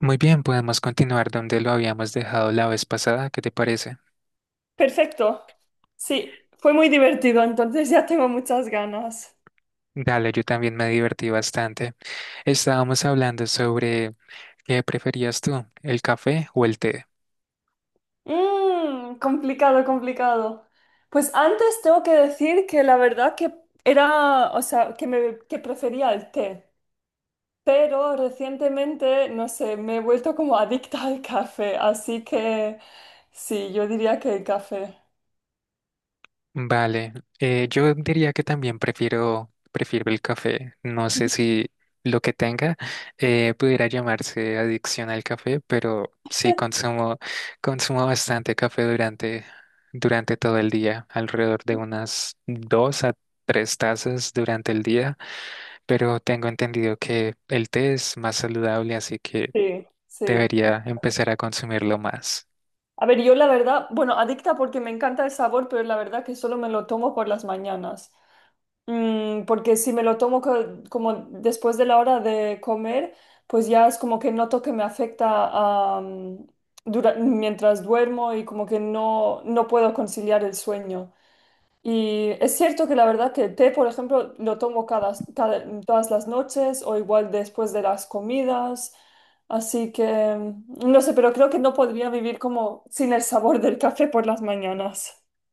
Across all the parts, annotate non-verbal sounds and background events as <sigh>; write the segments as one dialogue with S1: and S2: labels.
S1: Muy bien, podemos continuar donde lo habíamos dejado la vez pasada, ¿qué te parece?
S2: Perfecto. Sí, fue muy divertido, entonces ya tengo muchas ganas.
S1: Dale, yo también me divertí bastante. Estábamos hablando sobre qué preferías tú, el café o el té.
S2: Mm, complicado, complicado. Pues antes tengo que decir que la verdad que era, o sea, que prefería el té, pero recientemente, no sé, me he vuelto como adicta al café, así que sí, yo diría que el café.
S1: Vale, yo diría que también prefiero el café. No sé
S2: <laughs>
S1: si lo que tenga pudiera llamarse adicción al café, pero sí consumo bastante café durante todo el día, alrededor de unas dos a tres tazas durante el día, pero tengo entendido que el té es más saludable, así que
S2: Sí, sí.
S1: debería empezar a consumirlo más.
S2: A ver, yo la verdad, bueno, adicta porque me encanta el sabor, pero la verdad que solo me lo tomo por las mañanas. Mm, porque si me lo tomo como después de la hora de comer, pues ya es como que noto que me afecta mientras duermo y como que no puedo conciliar el sueño. Y es cierto que la verdad que el té, por ejemplo, lo tomo todas las noches o igual después de las comidas. Así que no sé, pero creo que no podría vivir como sin el sabor del café por las mañanas. <laughs>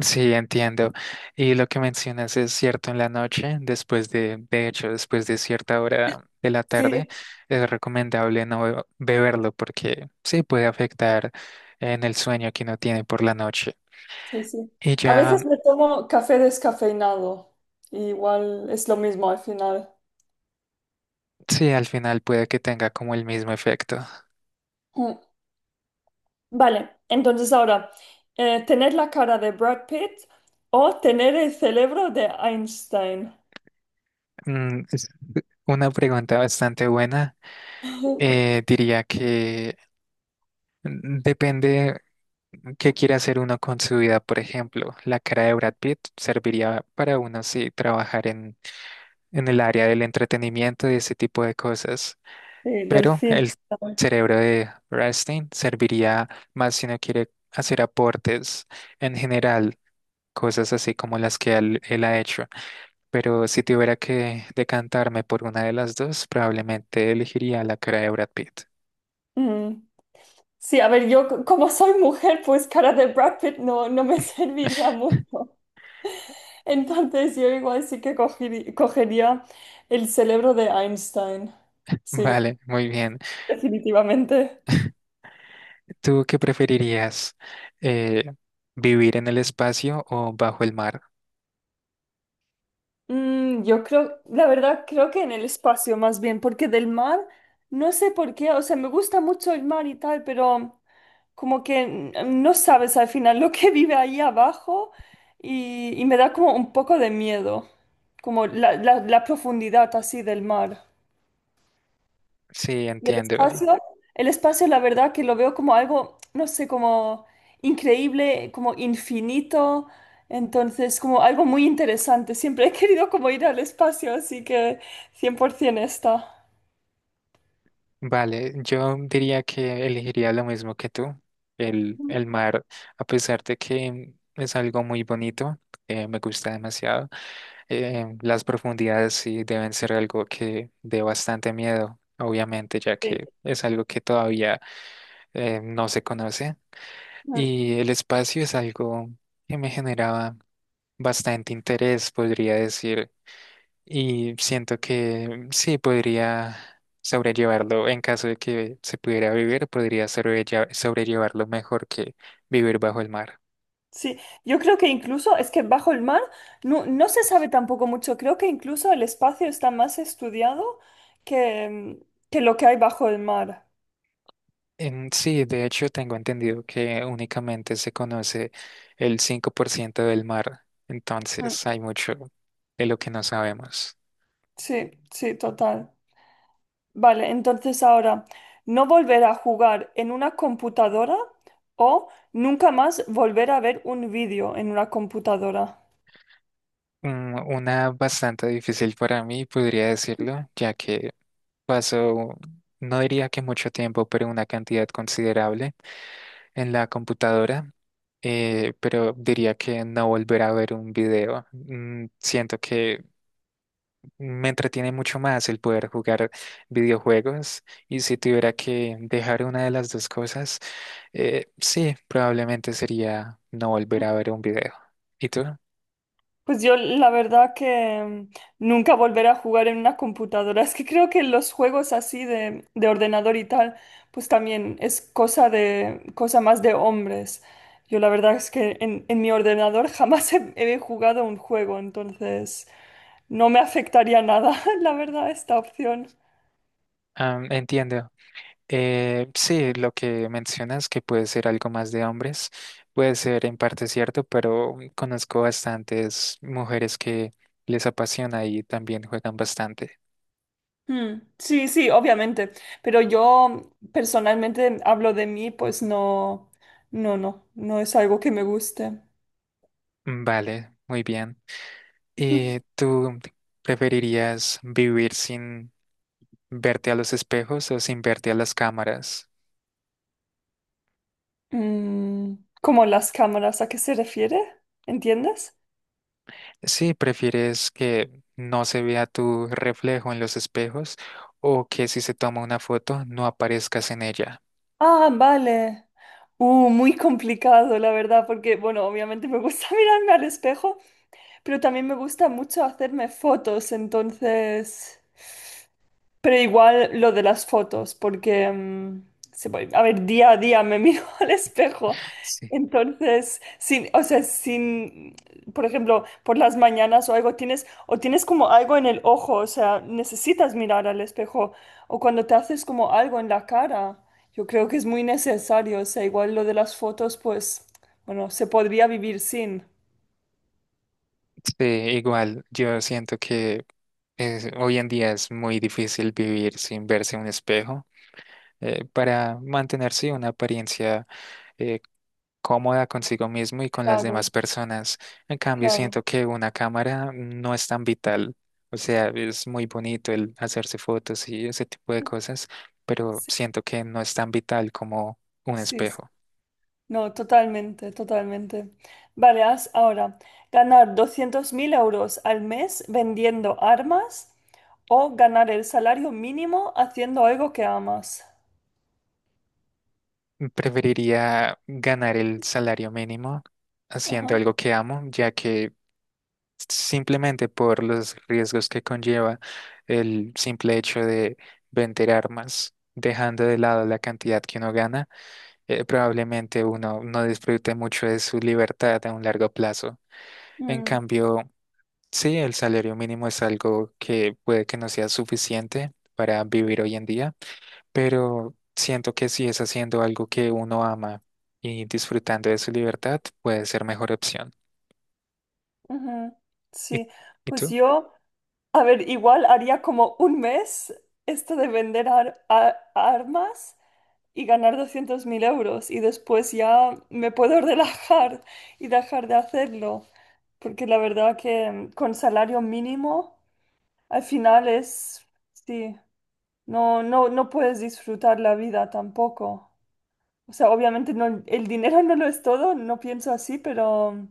S1: Sí, entiendo. Y lo que mencionas es cierto en la noche, después de hecho, después de cierta hora de la tarde,
S2: Sí.
S1: es recomendable no be- beberlo porque sí puede afectar en el sueño que uno tiene por la noche.
S2: Sí, sí.
S1: Y
S2: A veces
S1: ya,
S2: me tomo café descafeinado. Y igual es lo mismo al final.
S1: sí, al final puede que tenga como el mismo efecto.
S2: Mm. Vale, entonces ahora, tener la cara de Brad Pitt o tener el cerebro de Einstein.
S1: Es una pregunta bastante buena.
S2: <laughs>
S1: Diría que depende. ¿Qué quiere hacer uno con su vida, por ejemplo? La cara de Brad Pitt serviría para uno sí trabajar en el área del entretenimiento y ese tipo de cosas,
S2: Sí, del
S1: pero
S2: cine.
S1: el cerebro de Rastin serviría más si uno quiere hacer aportes en general, cosas así como las que él ha hecho. Pero si tuviera que decantarme por una de las dos, probablemente elegiría la cara de Brad Pitt.
S2: Mm. Sí, a ver, yo como soy mujer, pues cara de Brad Pitt no me <laughs> serviría mucho. Entonces yo igual sí que cogería el cerebro de Einstein.
S1: <laughs>
S2: Sí,
S1: Vale, muy bien.
S2: definitivamente.
S1: ¿Tú qué preferirías? eh, ¿Vivir en el espacio o bajo el mar?
S2: Mm, yo creo, la verdad, creo que en el espacio más bien, porque del mar, no sé por qué, o sea, me gusta mucho el mar y tal, pero como que no sabes al final lo que <laughs> vive ahí abajo y me da como un poco de miedo, como la profundidad así del mar.
S1: Sí,
S2: Y el
S1: entiendo.
S2: espacio, el espacio, la verdad que lo veo como algo, no sé, como increíble, como infinito, entonces como algo muy interesante. Siempre he querido como ir al espacio, así que 100% está.
S1: Vale, yo diría que elegiría lo mismo que tú. El mar, a pesar de que es algo muy bonito, me gusta demasiado. Las profundidades sí deben ser algo que dé bastante miedo, obviamente, ya
S2: Sí.
S1: que es algo que todavía no se conoce.
S2: Mm,
S1: Y el espacio es algo que me generaba bastante interés, podría decir, y siento que sí podría sobrellevarlo en caso de que se pudiera vivir, podría sobrellevarlo mejor que vivir bajo el mar.
S2: sí, yo creo que incluso es que bajo el mar no se sabe tampoco mucho. Creo que incluso el espacio está más estudiado que, mm, que lo que hay bajo el mar.
S1: Sí, de hecho tengo entendido que únicamente se conoce el 5% del mar,
S2: Mm,
S1: entonces hay mucho de lo que no sabemos.
S2: sí, sí, total. Vale, entonces ahora, no volver a jugar en una computadora o nunca más volver a ver un vídeo en una computadora.
S1: Mm, una bastante difícil para mí, podría decirlo, ya que pasó no diría que mucho tiempo, pero una cantidad considerable en la computadora, pero diría que no volver a ver un video. Mm, siento que me entretiene mucho más el poder jugar videojuegos y si tuviera que dejar una de las dos cosas, sí, probablemente sería no volver a ver un video. ¿Y tú?
S2: Pues yo la verdad que nunca volver a jugar en una computadora. <laughs> Es que creo que los juegos así de ordenador y tal, pues también es cosa más de hombres. Yo la verdad es que en mi ordenador <laughs> jamás he jugado un juego, entonces no me afectaría nada, <laughs> la verdad, esta opción.
S1: Am, entiendo. Sí, lo que mencionas que puede ser algo más de hombres, puede ser en parte cierto, pero conozco bastantes mujeres que les apasiona y también juegan bastante.
S2: Mm, sí, sí, obviamente, pero yo personalmente hablo de mí, pues no es algo que me guste.
S1: Vale, muy bien. ¿Y
S2: <laughs>
S1: tú preferirías vivir sin verte a los espejos o sin verte a las cámaras?
S2: Mm, ¿cómo las cámaras? ¿A qué se refiere? ¿Entiendes?
S1: Sí, ¿prefieres que no se vea tu reflejo en los espejos o que si se toma una foto no aparezcas en ella?
S2: Ah, vale. Muy complicado, la verdad, porque, bueno, obviamente me gusta <laughs> mirarme al espejo, pero también me gusta mucho hacerme fotos, entonces... Pero igual lo de las fotos, porque, a ver, día a día me miro <laughs> al espejo.
S1: Sí.
S2: Entonces, sin, o sea, sin, por ejemplo, por las mañanas o algo, tienes, o tienes como algo en el ojo, o sea, necesitas mirar al espejo, o cuando te haces como algo en la cara, yo creo que es muy necesario, o sea, igual lo de las fotos, pues, bueno, se podría vivir sin.
S1: Sí, igual, yo siento que hoy en día es muy difícil vivir sin verse en un espejo para mantenerse una apariencia eh, cómoda consigo mismo y con las
S2: Claro,
S1: demás personas. En cambio,
S2: claro.
S1: siento que una cámara no es tan vital. O sea, es muy bonito el hacerse fotos y ese tipo de cosas, pero
S2: Sí,
S1: siento que no es tan vital como un
S2: sí,
S1: espejo.
S2: no, totalmente, totalmente. Vale, haz ahora ganar 200.000 euros al mes vendiendo armas o ganar el salario mínimo haciendo algo que amas.
S1: Preferiría ganar el salario mínimo haciendo
S2: Ajá.
S1: algo que amo, ya que simplemente por los riesgos que conlleva el simple hecho de vender armas, dejando de lado la cantidad que uno gana, probablemente uno no disfrute mucho de su libertad a un largo plazo. En
S2: Mm,
S1: cambio, sí, el salario mínimo es algo que puede que no sea suficiente para vivir hoy en día, pero siento que si es haciendo algo que uno ama y disfrutando de su libertad, puede ser mejor opción.
S2: ujú.
S1: ¿Y,
S2: Sí,
S1: ¿Y
S2: pues
S1: tú?
S2: yo, a ver, igual haría como un mes esto de vender armas y ganar 200.000 euros y después ya me puedo <laughs> relajar y dejar de hacerlo. Porque la verdad que con salario mínimo al final es, sí, no puedes disfrutar la vida tampoco. O sea, obviamente no, el dinero no lo es todo, no pienso así, pero,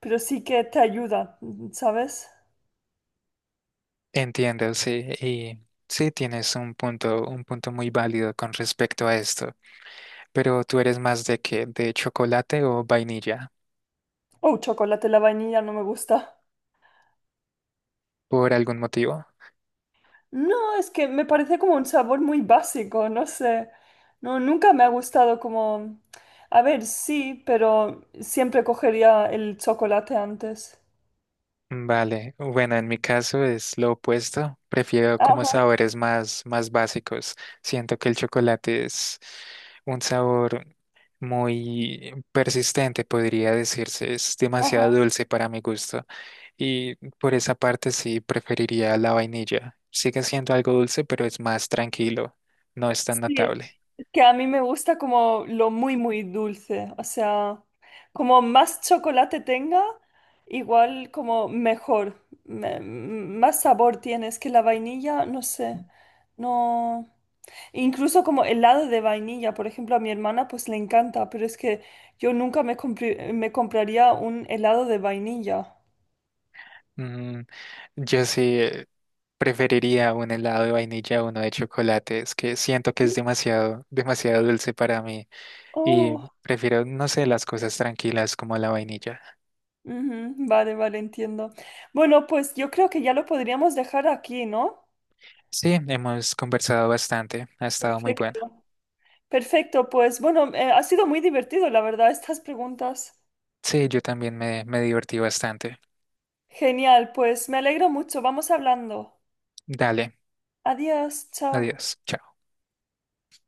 S2: pero sí que te ayuda, ¿sabes?
S1: Entiendo, sí, y sí tienes un punto muy válido con respecto a esto. Pero tú eres más de qué, ¿de chocolate o vainilla,
S2: Oh, chocolate, la vainilla no me gusta.
S1: por algún motivo?
S2: No, es que me parece como un sabor muy básico, no sé. No, nunca me ha gustado como... A ver, sí, pero siempre cogería el chocolate antes.
S1: Vale, bueno, en mi caso es lo opuesto. Prefiero como
S2: Ajá,
S1: sabores más básicos. Siento que el chocolate es un sabor muy persistente, podría decirse. Es demasiado
S2: ajá.
S1: dulce para mi gusto. Y por esa parte sí preferiría la vainilla. Sigue siendo algo dulce, pero es más tranquilo. No es tan
S2: Sí,
S1: notable.
S2: es que a mí me gusta como lo muy, muy dulce. O sea, como más chocolate tenga, igual como mejor. Más sabor tiene. Es que la vainilla, no sé. No. Incluso como helado de vainilla, por ejemplo, a mi hermana pues le encanta, pero es que yo nunca me compraría un helado de vainilla.
S1: Mm, yo sí preferiría un helado de vainilla a uno de chocolate. Es que siento que es
S2: ¿Sí?
S1: demasiado dulce para mí. Y
S2: Oh,
S1: prefiero, no sé, las cosas tranquilas como la vainilla.
S2: ujú, vale, vale, entiendo. Bueno, pues yo creo que ya lo podríamos dejar aquí, ¿no?
S1: Sí, hemos conversado bastante. Ha estado muy bueno.
S2: Perfecto. Perfecto, pues bueno, ha sido muy divertido, la verdad, estas preguntas.
S1: Sí, yo también me divertí bastante.
S2: Genial, pues me alegro mucho. Vamos hablando.
S1: Dale,
S2: Adiós, chao.
S1: adiós. Chao.